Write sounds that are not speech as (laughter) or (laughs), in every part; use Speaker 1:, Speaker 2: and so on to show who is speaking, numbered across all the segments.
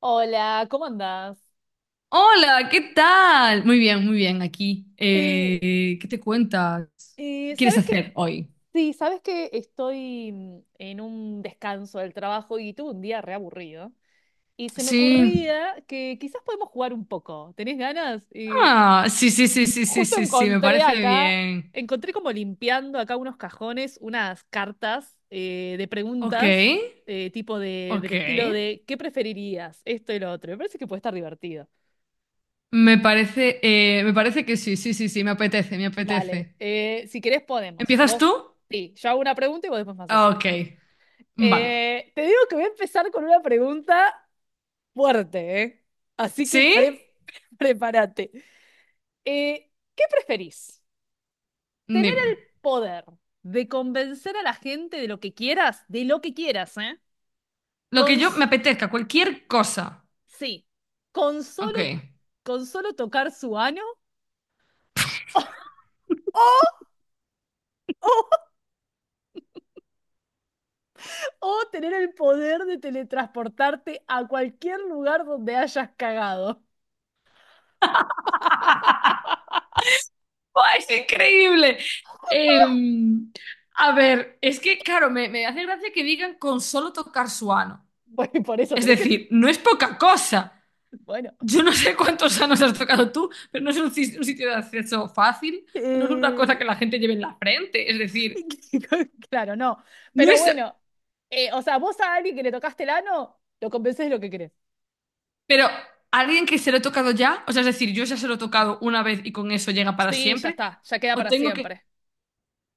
Speaker 1: Hola, ¿cómo andás?
Speaker 2: Hola, ¿qué tal? Muy bien, aquí.
Speaker 1: Eh,
Speaker 2: ¿Qué te cuentas? ¿Qué quieres
Speaker 1: ¿Sabes que
Speaker 2: hacer hoy?
Speaker 1: Sí, sabes que estoy en un descanso del trabajo y tuve un día reaburrido. Y se me
Speaker 2: Sí.
Speaker 1: ocurría que quizás podemos jugar un poco. ¿Tenés ganas? Y
Speaker 2: Ah, sí, sí, sí, sí, sí,
Speaker 1: justo
Speaker 2: sí, sí, me parece bien.
Speaker 1: encontré como limpiando acá unos cajones, unas cartas de
Speaker 2: Ok,
Speaker 1: preguntas, tipo del estilo
Speaker 2: ok.
Speaker 1: de ¿qué preferirías? Esto y lo otro. Me parece que puede estar divertido.
Speaker 2: Me parece que sí, sí, sí, sí, me apetece, me
Speaker 1: Vale,
Speaker 2: apetece.
Speaker 1: si querés podemos.
Speaker 2: ¿Empiezas tú?
Speaker 1: Sí, yo hago una pregunta y vos después me haces
Speaker 2: Ok,
Speaker 1: otra.
Speaker 2: vale.
Speaker 1: Te digo que voy a empezar con una pregunta fuerte, ¿eh? Así que
Speaker 2: ¿Sí?
Speaker 1: (laughs) prepárate. ¿Qué preferís? ¿Tener
Speaker 2: Dime.
Speaker 1: el poder de convencer a la gente de lo que quieras? De lo que quieras, ¿eh?
Speaker 2: Lo que
Speaker 1: Con,
Speaker 2: yo me
Speaker 1: s-
Speaker 2: apetezca, cualquier cosa.
Speaker 1: sí, con solo,
Speaker 2: Ok.
Speaker 1: con solo tocar su ano. (laughs) O tener el poder de teletransportarte a cualquier lugar donde hayas cagado. (laughs)
Speaker 2: ¡Buah, es increíble! Em, a ver, es que, claro, me hace gracia que digan con solo tocar su ano.
Speaker 1: Bueno, por eso
Speaker 2: Es
Speaker 1: tenés que.
Speaker 2: decir, no es poca cosa.
Speaker 1: Bueno.
Speaker 2: Yo no sé cuántos anos has tocado tú, pero no es un, un sitio de acceso fácil. No es una
Speaker 1: Eh,
Speaker 2: cosa que la gente lleve en la frente. Es decir,
Speaker 1: (laughs) claro, no.
Speaker 2: no
Speaker 1: Pero
Speaker 2: es...
Speaker 1: bueno, o sea, vos a alguien que le tocaste el ano, lo convencés de lo que querés.
Speaker 2: Pero alguien que se lo he tocado ya, o sea, es decir, yo ya se lo he tocado una vez y con eso llega para
Speaker 1: Sí, ya
Speaker 2: siempre,
Speaker 1: está, ya queda
Speaker 2: o
Speaker 1: para
Speaker 2: tengo que...
Speaker 1: siempre.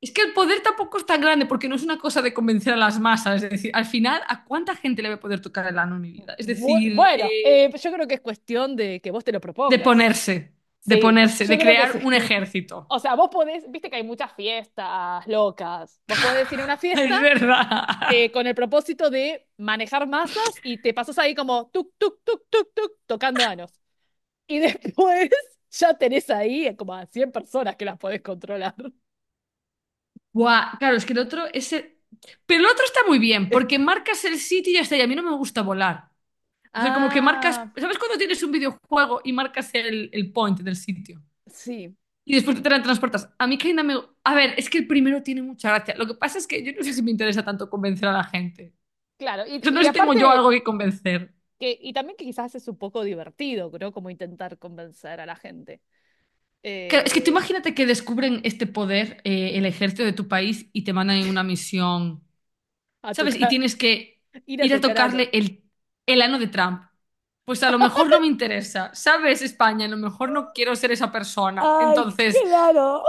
Speaker 2: Es que el poder tampoco es tan grande porque no es una cosa de convencer a las masas. Es decir, al final, ¿a cuánta gente le va a poder tocar el ano en mi vida? Es
Speaker 1: Bu-
Speaker 2: decir,
Speaker 1: bueno, eh, yo creo que es cuestión de que vos te lo
Speaker 2: de
Speaker 1: propongas.
Speaker 2: ponerse, de
Speaker 1: Sí,
Speaker 2: ponerse,
Speaker 1: yo
Speaker 2: de
Speaker 1: creo que
Speaker 2: crear
Speaker 1: sí.
Speaker 2: un
Speaker 1: (laughs)
Speaker 2: ejército.
Speaker 1: O sea, vos podés, viste que hay muchas fiestas locas. Vos podés ir a una
Speaker 2: (laughs)
Speaker 1: fiesta
Speaker 2: Es verdad.
Speaker 1: con el propósito de manejar masas y te pasas ahí como tuk, tuk, tuk, tuk, tuk, tocando anos. Y (laughs) después ya tenés ahí como a 100 personas que las podés controlar. (laughs)
Speaker 2: Buah, claro, es que el otro es el- Pero el otro está muy bien porque marcas el sitio y ya está. Y a mí no me gusta volar. O sea, como que marcas...
Speaker 1: Ah,
Speaker 2: ¿Sabes cuando tienes un videojuego y marcas el point del sitio?
Speaker 1: sí,
Speaker 2: Y después te la transportas. A mí Kaina me... A ver, es que el primero tiene mucha gracia. Lo que pasa es que yo no sé si me interesa tanto convencer a la gente.
Speaker 1: claro. Y,
Speaker 2: Yo no
Speaker 1: y
Speaker 2: sé si tengo yo algo
Speaker 1: aparte,
Speaker 2: que convencer.
Speaker 1: y también que quizás es un poco divertido, ¿no? Como intentar convencer a la gente
Speaker 2: Claro, es que tú
Speaker 1: eh,
Speaker 2: imagínate que descubren este poder, el ejército de tu país, y te mandan en una misión,
Speaker 1: a
Speaker 2: ¿sabes? Y
Speaker 1: tocar,
Speaker 2: tienes que
Speaker 1: (laughs) ir a
Speaker 2: ir a
Speaker 1: tocar anos.
Speaker 2: tocarle el ano de Trump. Pues a lo mejor no me interesa, ¿sabes? España, a lo mejor no quiero ser esa persona.
Speaker 1: Ay,
Speaker 2: Entonces,
Speaker 1: claro.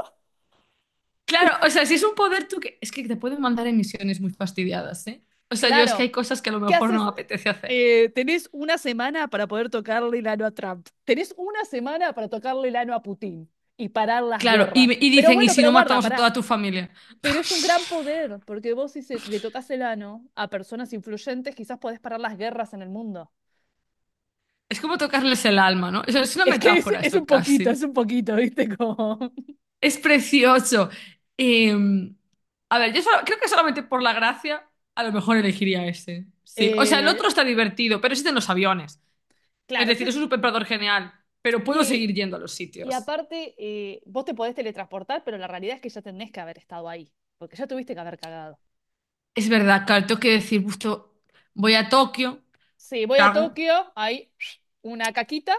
Speaker 2: claro, o sea, si es un poder tú que... Es que te pueden mandar en misiones muy fastidiadas, ¿eh? O sea, yo es que hay
Speaker 1: Claro.
Speaker 2: cosas que a lo
Speaker 1: ¿Qué
Speaker 2: mejor no
Speaker 1: haces?
Speaker 2: me apetece hacer.
Speaker 1: Tenés una semana para poder tocarle el ano a Trump. Tenés una semana para tocarle el ano a Putin y parar las
Speaker 2: Claro,
Speaker 1: guerras.
Speaker 2: y
Speaker 1: Pero
Speaker 2: dicen, ¿y
Speaker 1: bueno,
Speaker 2: si
Speaker 1: pero
Speaker 2: no
Speaker 1: guarda,
Speaker 2: matamos a toda
Speaker 1: pará.
Speaker 2: tu familia?
Speaker 1: Pero es un
Speaker 2: (laughs)
Speaker 1: gran poder, porque vos si le tocas el ano a personas influyentes, quizás podés parar las guerras en el mundo. (laughs)
Speaker 2: Es como tocarles el alma, ¿no? Eso es una
Speaker 1: Es que es,
Speaker 2: metáfora
Speaker 1: es
Speaker 2: esto
Speaker 1: un poquito, es
Speaker 2: casi.
Speaker 1: un poquito, ¿viste? Como. (laughs)
Speaker 2: Es precioso. Eh, a ver, creo que solamente por la gracia a lo mejor elegiría ese. Sí, o sea, el otro
Speaker 1: Eh,
Speaker 2: está divertido, pero existen los aviones. Es
Speaker 1: claro,
Speaker 2: decir,
Speaker 1: existe.
Speaker 2: es un superpoder genial, pero puedo
Speaker 1: Y,
Speaker 2: seguir yendo a los
Speaker 1: y
Speaker 2: sitios.
Speaker 1: aparte, vos te podés teletransportar, pero la realidad es que ya tenés que haber estado ahí, porque ya tuviste que haber cagado.
Speaker 2: Es verdad, claro, tengo que decir, justo voy a Tokio.
Speaker 1: Sí, voy a
Speaker 2: Cago.
Speaker 1: Tokio, hay una caquita,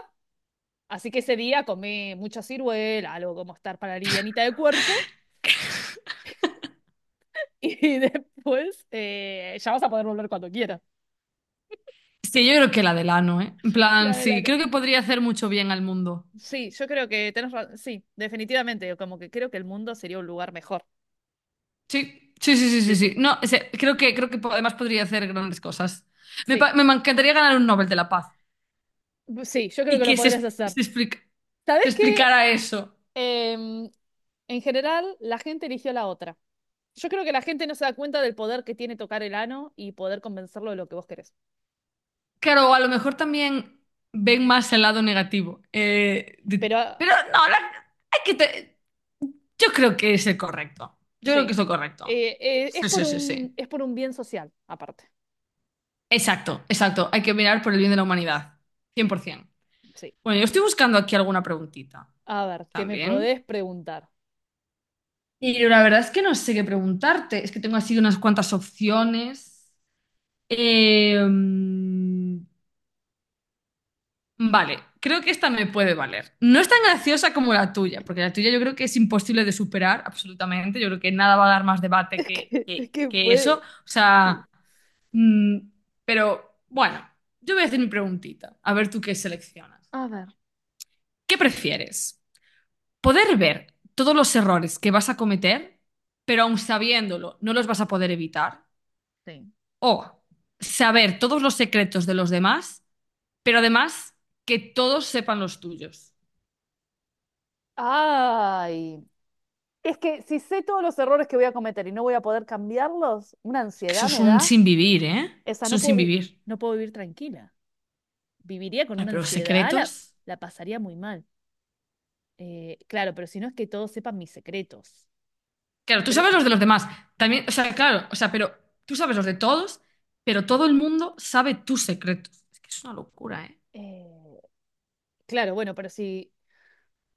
Speaker 1: así que ese día comí mucha ciruela, algo como estar para livianita de cuerpo, (laughs) y después ya vas a poder volver cuando quieras.
Speaker 2: Sí, yo creo que la del ano, ¿eh? En plan,
Speaker 1: La de la
Speaker 2: sí, creo
Speaker 1: no.
Speaker 2: que podría hacer mucho bien al mundo.
Speaker 1: Sí, yo creo que tenés razón. Sí, definitivamente, como que creo que el mundo sería un lugar mejor.
Speaker 2: Sí, sí, sí, sí, sí,
Speaker 1: Sí,
Speaker 2: sí.
Speaker 1: sí.
Speaker 2: No, o sea, creo que además podría hacer grandes cosas.
Speaker 1: Sí,
Speaker 2: Me encantaría ganar un Nobel de la Paz
Speaker 1: sí, yo creo
Speaker 2: y
Speaker 1: que lo
Speaker 2: que
Speaker 1: podrías hacer.
Speaker 2: se
Speaker 1: ¿Sabés qué?
Speaker 2: explicara eso.
Speaker 1: Em, en general, la gente eligió la otra. Yo creo que la gente no se da cuenta del poder que tiene tocar el ano y poder convencerlo de lo que vos querés.
Speaker 2: Claro, a lo mejor también ven más el lado negativo.
Speaker 1: Pero
Speaker 2: Pero no, hay que te- yo creo que es el correcto. Yo creo que
Speaker 1: Sí.
Speaker 2: es lo correcto.
Speaker 1: Es
Speaker 2: Sí,
Speaker 1: por
Speaker 2: sí, sí, sí.
Speaker 1: un, es por un bien social, aparte.
Speaker 2: Exacto, exacto. Hay que mirar por el bien de la humanidad. 100%.
Speaker 1: Sí.
Speaker 2: Bueno, yo estoy buscando aquí alguna preguntita
Speaker 1: A ver, ¿qué me
Speaker 2: también.
Speaker 1: podés preguntar? (laughs)
Speaker 2: Y la verdad es que no sé qué preguntarte. Es que tengo así unas cuantas opciones. Eh, mm, vale, creo que esta me puede valer. No es tan graciosa como la tuya, porque la tuya yo creo que es imposible de superar, absolutamente. Yo creo que nada va a dar más debate
Speaker 1: Es
Speaker 2: que,
Speaker 1: que, es que
Speaker 2: que eso.
Speaker 1: puede.
Speaker 2: O
Speaker 1: Sí.
Speaker 2: sea, mm, pero bueno, yo voy a hacer mi preguntita. A ver tú qué seleccionas.
Speaker 1: A ver.
Speaker 2: ¿Qué prefieres? Poder ver todos los errores que vas a cometer, pero aun sabiéndolo, no los vas a poder evitar.
Speaker 1: Sí.
Speaker 2: O saber todos los secretos de los demás, pero además que todos sepan los tuyos.
Speaker 1: Ay. Es que si sé todos los errores que voy a cometer y no voy a poder cambiarlos, una
Speaker 2: Es que eso
Speaker 1: ansiedad
Speaker 2: es
Speaker 1: me
Speaker 2: un
Speaker 1: da.
Speaker 2: sin vivir, ¿eh?
Speaker 1: Esa
Speaker 2: Es un
Speaker 1: no puedo,
Speaker 2: sin
Speaker 1: vi-
Speaker 2: vivir.
Speaker 1: no puedo vivir tranquila. Viviría con
Speaker 2: Claro,
Speaker 1: una
Speaker 2: pero los
Speaker 1: ansiedad, la,
Speaker 2: secretos.
Speaker 1: la pasaría muy mal. Claro, pero si no es que todos sepan mis secretos.
Speaker 2: Claro, tú
Speaker 1: Pero,
Speaker 2: sabes los de los demás. También, o sea, claro, o sea, pero tú sabes los de todos, pero todo el mundo sabe tus secretos. Es que es una locura, ¿eh?
Speaker 1: eh, claro, bueno, pero si.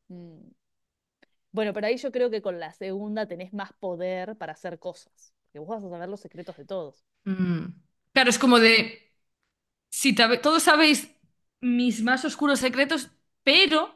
Speaker 1: mm, Bueno, pero ahí yo creo que con la segunda tenés más poder para hacer cosas, porque vos vas a saber los secretos de todos.
Speaker 2: Mm. Claro, es como de. Si tabe- Todos sabéis mis más oscuros secretos, pero,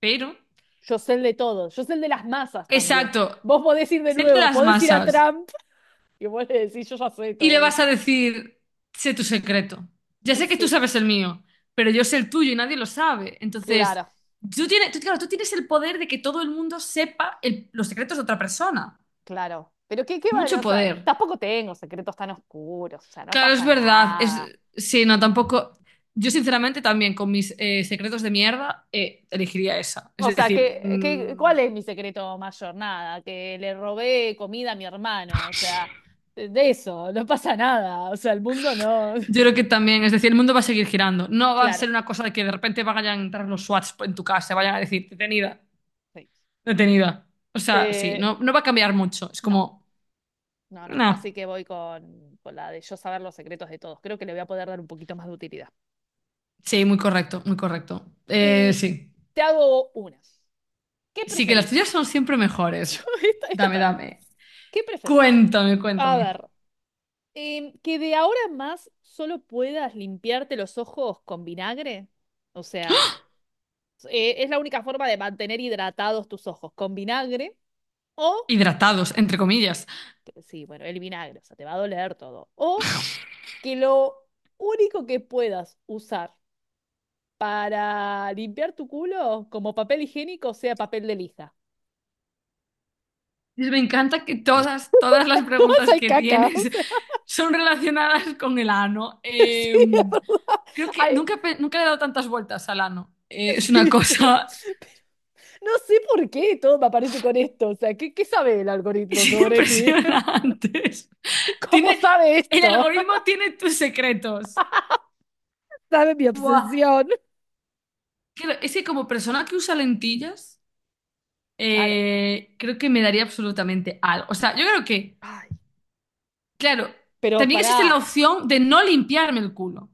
Speaker 2: pero,
Speaker 1: Yo sé el de todos, yo sé el de las masas también.
Speaker 2: exacto,
Speaker 1: Vos podés ir de
Speaker 2: sé de
Speaker 1: nuevo,
Speaker 2: las
Speaker 1: podés ir a
Speaker 2: masas
Speaker 1: Trump (laughs) y vos le decís, yo ya sé
Speaker 2: y le
Speaker 1: todo
Speaker 2: vas
Speaker 1: esto.
Speaker 2: a decir, sé tu secreto. Ya
Speaker 1: (laughs)
Speaker 2: sé que tú
Speaker 1: Sí.
Speaker 2: sabes el mío, pero yo sé el tuyo y nadie lo sabe. Entonces,
Speaker 1: Claro,
Speaker 2: tú tienes el poder de que todo el mundo sepa los secretos de otra persona.
Speaker 1: claro. Pero qué vale,
Speaker 2: Mucho
Speaker 1: o sea,
Speaker 2: poder.
Speaker 1: tampoco tengo secretos tan oscuros, o sea, no
Speaker 2: Claro, es
Speaker 1: pasa
Speaker 2: verdad.
Speaker 1: nada.
Speaker 2: Es, sí, no, tampoco. Yo, sinceramente, también con mis secretos de mierda, elegiría esa. Es
Speaker 1: O sea,
Speaker 2: decir,
Speaker 1: cuál es mi secreto mayor? Nada, que le robé comida a mi hermano, o sea, de eso, no pasa nada, o sea, el mundo no.
Speaker 2: yo creo que también, es decir, el mundo va a seguir girando.
Speaker 1: (laughs)
Speaker 2: No va a
Speaker 1: Claro,
Speaker 2: ser una cosa de que de repente vayan a entrar los SWATs en tu casa, vayan a decir, detenida,
Speaker 1: sí.
Speaker 2: detenida. O sea, sí,
Speaker 1: Eh,
Speaker 2: no, no va a cambiar mucho. Es
Speaker 1: no,
Speaker 2: como,
Speaker 1: no, no.
Speaker 2: no.
Speaker 1: Así que voy con, la de yo saber los secretos de todos. Creo que le voy a poder dar un poquito más de utilidad.
Speaker 2: Sí, muy correcto, muy correcto.
Speaker 1: Eh,
Speaker 2: Sí.
Speaker 1: te hago una. ¿Qué
Speaker 2: Sí, que las tuyas
Speaker 1: preferís?
Speaker 2: son siempre
Speaker 1: (laughs) Yo,
Speaker 2: mejores.
Speaker 1: esta
Speaker 2: Dame,
Speaker 1: también.
Speaker 2: dame.
Speaker 1: ¿Qué preferís?
Speaker 2: Cuéntame,
Speaker 1: A
Speaker 2: cuéntame.
Speaker 1: ver, que de ahora en más solo puedas limpiarte los ojos con vinagre. O sea, es la única forma de mantener hidratados tus ojos con vinagre. O,
Speaker 2: Hidratados, entre comillas.
Speaker 1: sí, bueno, el vinagre, o sea, te va a doler todo. O que lo único que puedas usar para limpiar tu culo como papel higiénico sea papel de lija.
Speaker 2: Me encanta que todas, todas las
Speaker 1: (laughs) No más
Speaker 2: preguntas
Speaker 1: hay
Speaker 2: que
Speaker 1: caca, o
Speaker 2: tienes
Speaker 1: sea,
Speaker 2: (laughs) son relacionadas con el ano.
Speaker 1: (laughs) sí, es verdad.
Speaker 2: Creo que
Speaker 1: Hay-
Speaker 2: nunca, nunca le he dado tantas vueltas al ano. Es una
Speaker 1: sí, pero,
Speaker 2: cosa
Speaker 1: pero no sé por qué todo me aparece con esto. O sea, ¿qué sabe el
Speaker 2: (laughs)
Speaker 1: algoritmo
Speaker 2: es
Speaker 1: sobre mí? (laughs)
Speaker 2: impresionante.
Speaker 1: ¿Cómo
Speaker 2: Tiene,
Speaker 1: sabe
Speaker 2: el
Speaker 1: esto?
Speaker 2: algoritmo tiene tus secretos.
Speaker 1: (laughs) Sabe mi
Speaker 2: Buah.
Speaker 1: obsesión.
Speaker 2: Es que como persona que usa lentillas,
Speaker 1: Claro.
Speaker 2: creo que me daría absolutamente algo. O sea, yo creo que...
Speaker 1: Ay,
Speaker 2: Claro,
Speaker 1: pero
Speaker 2: también
Speaker 1: pará.
Speaker 2: existe la opción de no limpiarme el culo.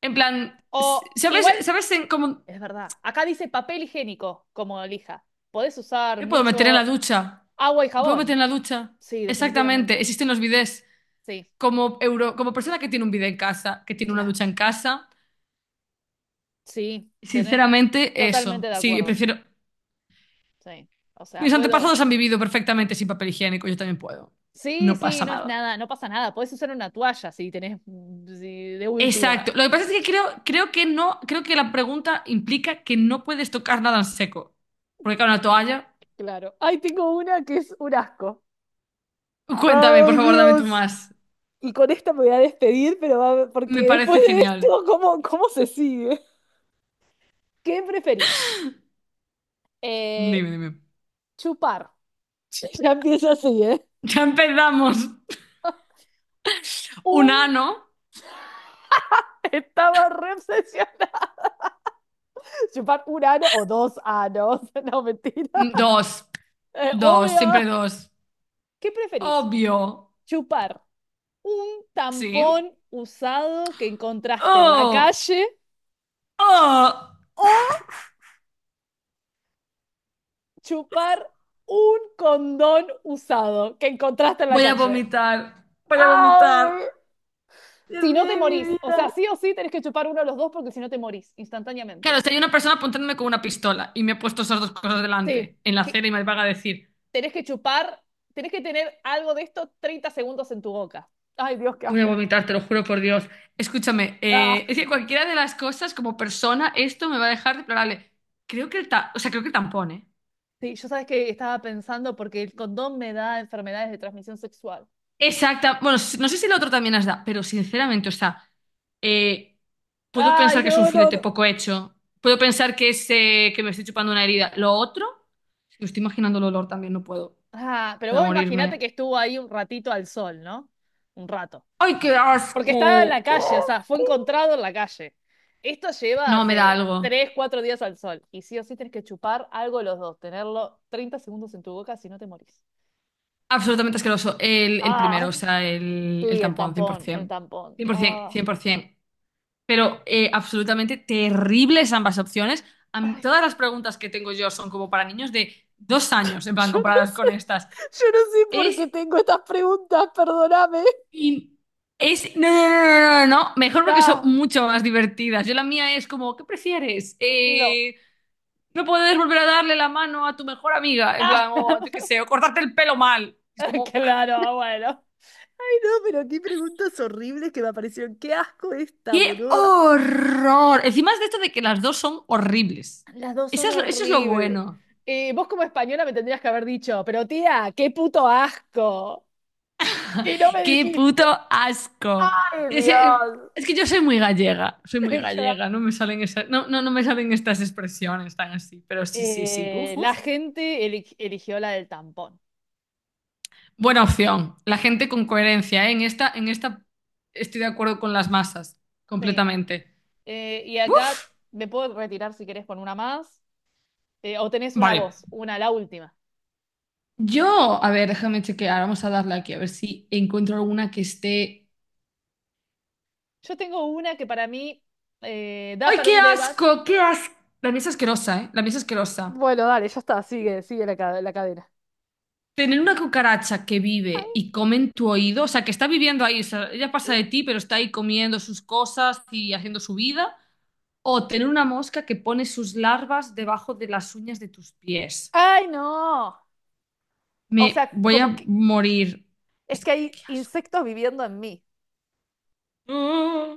Speaker 2: En plan,
Speaker 1: O
Speaker 2: ¿sabes,
Speaker 1: igual,
Speaker 2: sabes en cómo
Speaker 1: es verdad. Acá dice papel higiénico como lija. Podés usar
Speaker 2: me puedo meter en la
Speaker 1: mucho
Speaker 2: ducha?
Speaker 1: agua y
Speaker 2: ¿Me puedo meter
Speaker 1: jabón.
Speaker 2: en la ducha?
Speaker 1: Sí,
Speaker 2: Exactamente,
Speaker 1: definitivamente.
Speaker 2: existen los bidés.
Speaker 1: Sí,
Speaker 2: Como euro, como persona que tiene un bidé en casa, que tiene una
Speaker 1: claro.
Speaker 2: ducha en casa,
Speaker 1: Sí, tenés
Speaker 2: sinceramente, eso.
Speaker 1: totalmente de
Speaker 2: Sí,
Speaker 1: acuerdo.
Speaker 2: prefiero.
Speaker 1: Sí. O sea,
Speaker 2: Mis
Speaker 1: puedo.
Speaker 2: antepasados han vivido perfectamente sin papel higiénico, yo también puedo.
Speaker 1: Sí,
Speaker 2: No
Speaker 1: sí,
Speaker 2: pasa
Speaker 1: no es
Speaker 2: nada.
Speaker 1: nada, no pasa nada. Podés usar una toalla si tenés sí, de última.
Speaker 2: Exacto. Lo que pasa es que creo, creo que no, creo que la pregunta implica que no puedes tocar nada en seco. Porque claro, una toalla.
Speaker 1: Claro. Ay, tengo una que es un asco.
Speaker 2: Cuéntame, por
Speaker 1: Ay,
Speaker 2: favor, dame tú
Speaker 1: Dios.
Speaker 2: más.
Speaker 1: Y con esta me voy a despedir, pero
Speaker 2: Me
Speaker 1: porque después
Speaker 2: parece
Speaker 1: de esto,
Speaker 2: genial.
Speaker 1: ¿cómo se sigue? ¿Qué preferís? Eh,
Speaker 2: Dime, dime.
Speaker 1: chupar. (laughs) Ya empieza así, ¿eh?
Speaker 2: Ya empezamos.
Speaker 1: (laughs)
Speaker 2: Un
Speaker 1: Un
Speaker 2: ano.
Speaker 1: estaba re obsesionado Chupar un ano o dos anos. (laughs) No, mentira.
Speaker 2: Dos.
Speaker 1: Eh,
Speaker 2: Dos, siempre
Speaker 1: obvio.
Speaker 2: dos.
Speaker 1: ¿Qué preferís?
Speaker 2: Obvio.
Speaker 1: ¿Chupar un
Speaker 2: ¿Sí?
Speaker 1: tampón usado que encontraste en la
Speaker 2: Oh,
Speaker 1: calle
Speaker 2: oh.
Speaker 1: o chupar un condón usado que encontraste en la
Speaker 2: Voy a
Speaker 1: calle?
Speaker 2: vomitar. Voy a vomitar.
Speaker 1: ¡Ay!
Speaker 2: Dios
Speaker 1: Si
Speaker 2: mío,
Speaker 1: no te
Speaker 2: de mi
Speaker 1: morís. O
Speaker 2: vida.
Speaker 1: sea, sí o sí tenés que chupar uno de los dos porque si no te morís
Speaker 2: Claro,
Speaker 1: instantáneamente.
Speaker 2: si hay una persona apuntándome con una pistola y me ha puesto esas dos cosas
Speaker 1: Sí.
Speaker 2: delante en la
Speaker 1: Que
Speaker 2: acera y me va a decir.
Speaker 1: tenés que chupar, tenés que tener algo de esto 30 segundos en tu boca. Ay, Dios, qué
Speaker 2: Voy a
Speaker 1: asco.
Speaker 2: vomitar, te lo juro por Dios. Escúchame,
Speaker 1: Ah.
Speaker 2: es que cualquiera de las cosas como persona, esto me va a dejar deplorable. Creo que o sea, creo que el tampón, ¿eh?
Speaker 1: Sí, yo sabes que estaba pensando porque el condón me da enfermedades de transmisión sexual.
Speaker 2: Exacta. Bueno, no sé si el otro también has dado, pero sinceramente, o sea, eh, puedo
Speaker 1: Ay,
Speaker 2: pensar que es un
Speaker 1: no, no,
Speaker 2: filete
Speaker 1: no.
Speaker 2: poco hecho. Puedo pensar que es que me estoy chupando una herida. Lo otro, es que estoy imaginando el olor también, no puedo.
Speaker 1: Ah, pero
Speaker 2: Voy a
Speaker 1: vos imaginate
Speaker 2: morirme.
Speaker 1: que estuvo ahí un ratito al sol, ¿no? Un rato.
Speaker 2: ¡Ay, qué
Speaker 1: Porque estaba en la
Speaker 2: asco! ¡Qué
Speaker 1: calle, o sea, fue
Speaker 2: asco!
Speaker 1: encontrado en la calle. Esto lleva
Speaker 2: No, me da
Speaker 1: hace
Speaker 2: algo.
Speaker 1: 3, 4 días al sol. Y sí o sí tenés que chupar algo los dos, tenerlo 30 segundos en tu boca si no te morís.
Speaker 2: Absolutamente asqueroso. El primero,
Speaker 1: Ah,
Speaker 2: o sea,
Speaker 1: sí,
Speaker 2: el
Speaker 1: el
Speaker 2: tampón, cien por
Speaker 1: tampón, el
Speaker 2: ciento.
Speaker 1: tampón.
Speaker 2: Cien, por cien por
Speaker 1: Ah.
Speaker 2: 100%. Pero absolutamente terribles ambas opciones.
Speaker 1: Ay,
Speaker 2: Todas
Speaker 1: Dios.
Speaker 2: las preguntas que tengo yo son como para niños de dos años, en
Speaker 1: (laughs)
Speaker 2: plan,
Speaker 1: Yo no
Speaker 2: comparadas con
Speaker 1: sé,
Speaker 2: estas.
Speaker 1: yo no sé por qué
Speaker 2: Es...
Speaker 1: tengo estas preguntas, perdóname.
Speaker 2: in- es... No, no, no, no, no, no. no. Mejor porque son
Speaker 1: Ah.
Speaker 2: mucho más divertidas. Yo la mía es como, ¿qué prefieres?
Speaker 1: No.
Speaker 2: No puedes volver a darle la mano a tu mejor amiga, en
Speaker 1: Ah,
Speaker 2: plan, o yo qué sé, o cortarte el pelo mal. Es
Speaker 1: (laughs)
Speaker 2: como,
Speaker 1: claro, bueno. Ay, no, pero qué preguntas horribles que me aparecieron. Qué asco esta,
Speaker 2: ¡qué
Speaker 1: boluda.
Speaker 2: horror! Encima es de esto de que las dos son horribles.
Speaker 1: Las dos son
Speaker 2: Eso es lo
Speaker 1: horribles.
Speaker 2: bueno.
Speaker 1: Y vos como española me tendrías que haber dicho, pero tía, qué puto asco. Y no me
Speaker 2: ¡Qué
Speaker 1: dijiste.
Speaker 2: puto asco!
Speaker 1: Ay, Dios.
Speaker 2: Es que yo soy muy
Speaker 1: (laughs) Claro.
Speaker 2: gallega, no me salen esas, no, no, no me salen estas expresiones tan así, pero sí, sí, sí, buf,
Speaker 1: La
Speaker 2: buf.
Speaker 1: gente eligió la del tampón.
Speaker 2: Buena opción. La gente con coherencia, ¿eh? En esta estoy de acuerdo con las masas,
Speaker 1: Sí.
Speaker 2: completamente.
Speaker 1: Y acá
Speaker 2: ¡Buf!
Speaker 1: me puedo retirar si querés con una más. O tenés una
Speaker 2: Vale.
Speaker 1: voz, la última.
Speaker 2: Yo, a ver, déjame chequear, vamos a darle aquí, a ver si encuentro alguna que esté
Speaker 1: Yo tengo una que para mí da
Speaker 2: ¡ay,
Speaker 1: para
Speaker 2: qué
Speaker 1: un debate.
Speaker 2: asco! ¡Qué asco! La mía es asquerosa, ¿eh? La mía es asquerosa.
Speaker 1: Bueno, dale, ya está, sigue la cadena.
Speaker 2: Tener una cucaracha que vive
Speaker 1: Ay,
Speaker 2: y come en tu oído, o sea, que está viviendo ahí, o sea, ella pasa
Speaker 1: eh,
Speaker 2: de ti, pero está ahí comiendo sus cosas y haciendo su vida. O tener una mosca que pone sus larvas debajo de las uñas de tus pies.
Speaker 1: ¡Ay, no! O
Speaker 2: Me
Speaker 1: sea,
Speaker 2: voy
Speaker 1: como
Speaker 2: a
Speaker 1: que
Speaker 2: morir.
Speaker 1: es
Speaker 2: Es
Speaker 1: que
Speaker 2: que,
Speaker 1: hay
Speaker 2: qué asco.
Speaker 1: insectos viviendo en mí,
Speaker 2: (gasps) ¡Ah!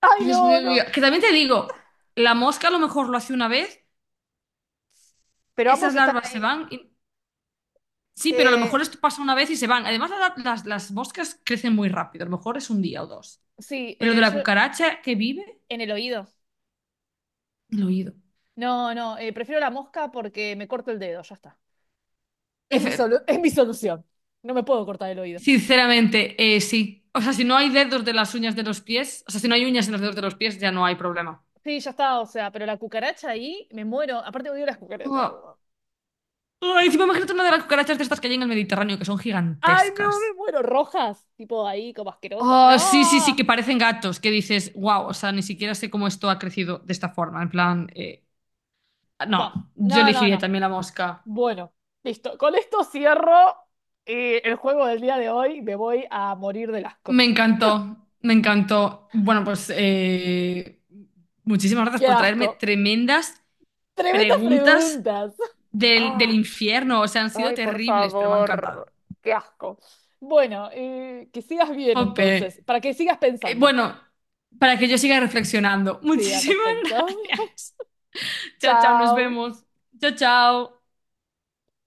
Speaker 1: ay,
Speaker 2: Dios
Speaker 1: no,
Speaker 2: mío,
Speaker 1: no.
Speaker 2: mío. Que también te digo, la mosca a lo mejor lo hace una vez,
Speaker 1: Pero
Speaker 2: esas
Speaker 1: ambos están
Speaker 2: larvas se
Speaker 1: ahí.
Speaker 2: van y sí, pero a lo
Speaker 1: Eh,
Speaker 2: mejor esto pasa una vez y se van. Además, las moscas crecen muy rápido. A lo mejor es un día o dos.
Speaker 1: sí,
Speaker 2: Pero lo de la
Speaker 1: yo
Speaker 2: cucaracha que vive,
Speaker 1: en el oído.
Speaker 2: el oído.
Speaker 1: No, no, prefiero la mosca porque me corto el dedo, ya está. Es mi
Speaker 2: Efe-
Speaker 1: solu- es mi solución. No me puedo cortar el oído.
Speaker 2: Sinceramente, sí. O sea, si no hay dedos de las uñas de los pies, o sea, si no hay uñas en los dedos de los pies, ya no hay problema.
Speaker 1: Sí, ya está, o sea, pero la cucaracha ahí, me muero. Aparte odio las cucarachas.
Speaker 2: Oh. Oh, encima imagínate una de las cucarachas de estas que hay en el Mediterráneo, que son
Speaker 1: Ay, no, me
Speaker 2: gigantescas.
Speaker 1: muero. Rojas, tipo ahí, como asquerosa.
Speaker 2: Oh, sí, sí, sí, que
Speaker 1: No,
Speaker 2: parecen gatos, que dices, wow, o sea, ni siquiera sé cómo esto ha crecido de esta forma. En plan,
Speaker 1: no,
Speaker 2: no, yo
Speaker 1: no, no,
Speaker 2: elegiría
Speaker 1: no.
Speaker 2: también la mosca.
Speaker 1: Bueno, listo. Con esto cierro el juego del día de hoy. Me voy a morir del asco.
Speaker 2: Me encantó, me encantó. Bueno, pues muchísimas gracias
Speaker 1: ¡Qué
Speaker 2: por traerme
Speaker 1: asco!
Speaker 2: tremendas
Speaker 1: Tremendas
Speaker 2: preguntas
Speaker 1: preguntas.
Speaker 2: del
Speaker 1: Ah,
Speaker 2: infierno. O sea, han sido
Speaker 1: ay, por
Speaker 2: terribles, pero me han encantado.
Speaker 1: favor. ¡Qué asco! Bueno, que sigas bien entonces,
Speaker 2: Jope.
Speaker 1: para que sigas pensando.
Speaker 2: Bueno, para que yo siga reflexionando.
Speaker 1: Sí, al
Speaker 2: Muchísimas (laughs)
Speaker 1: respecto.
Speaker 2: gracias.
Speaker 1: (laughs)
Speaker 2: Chao, chao, nos
Speaker 1: Chao.
Speaker 2: vemos. Chao, chao.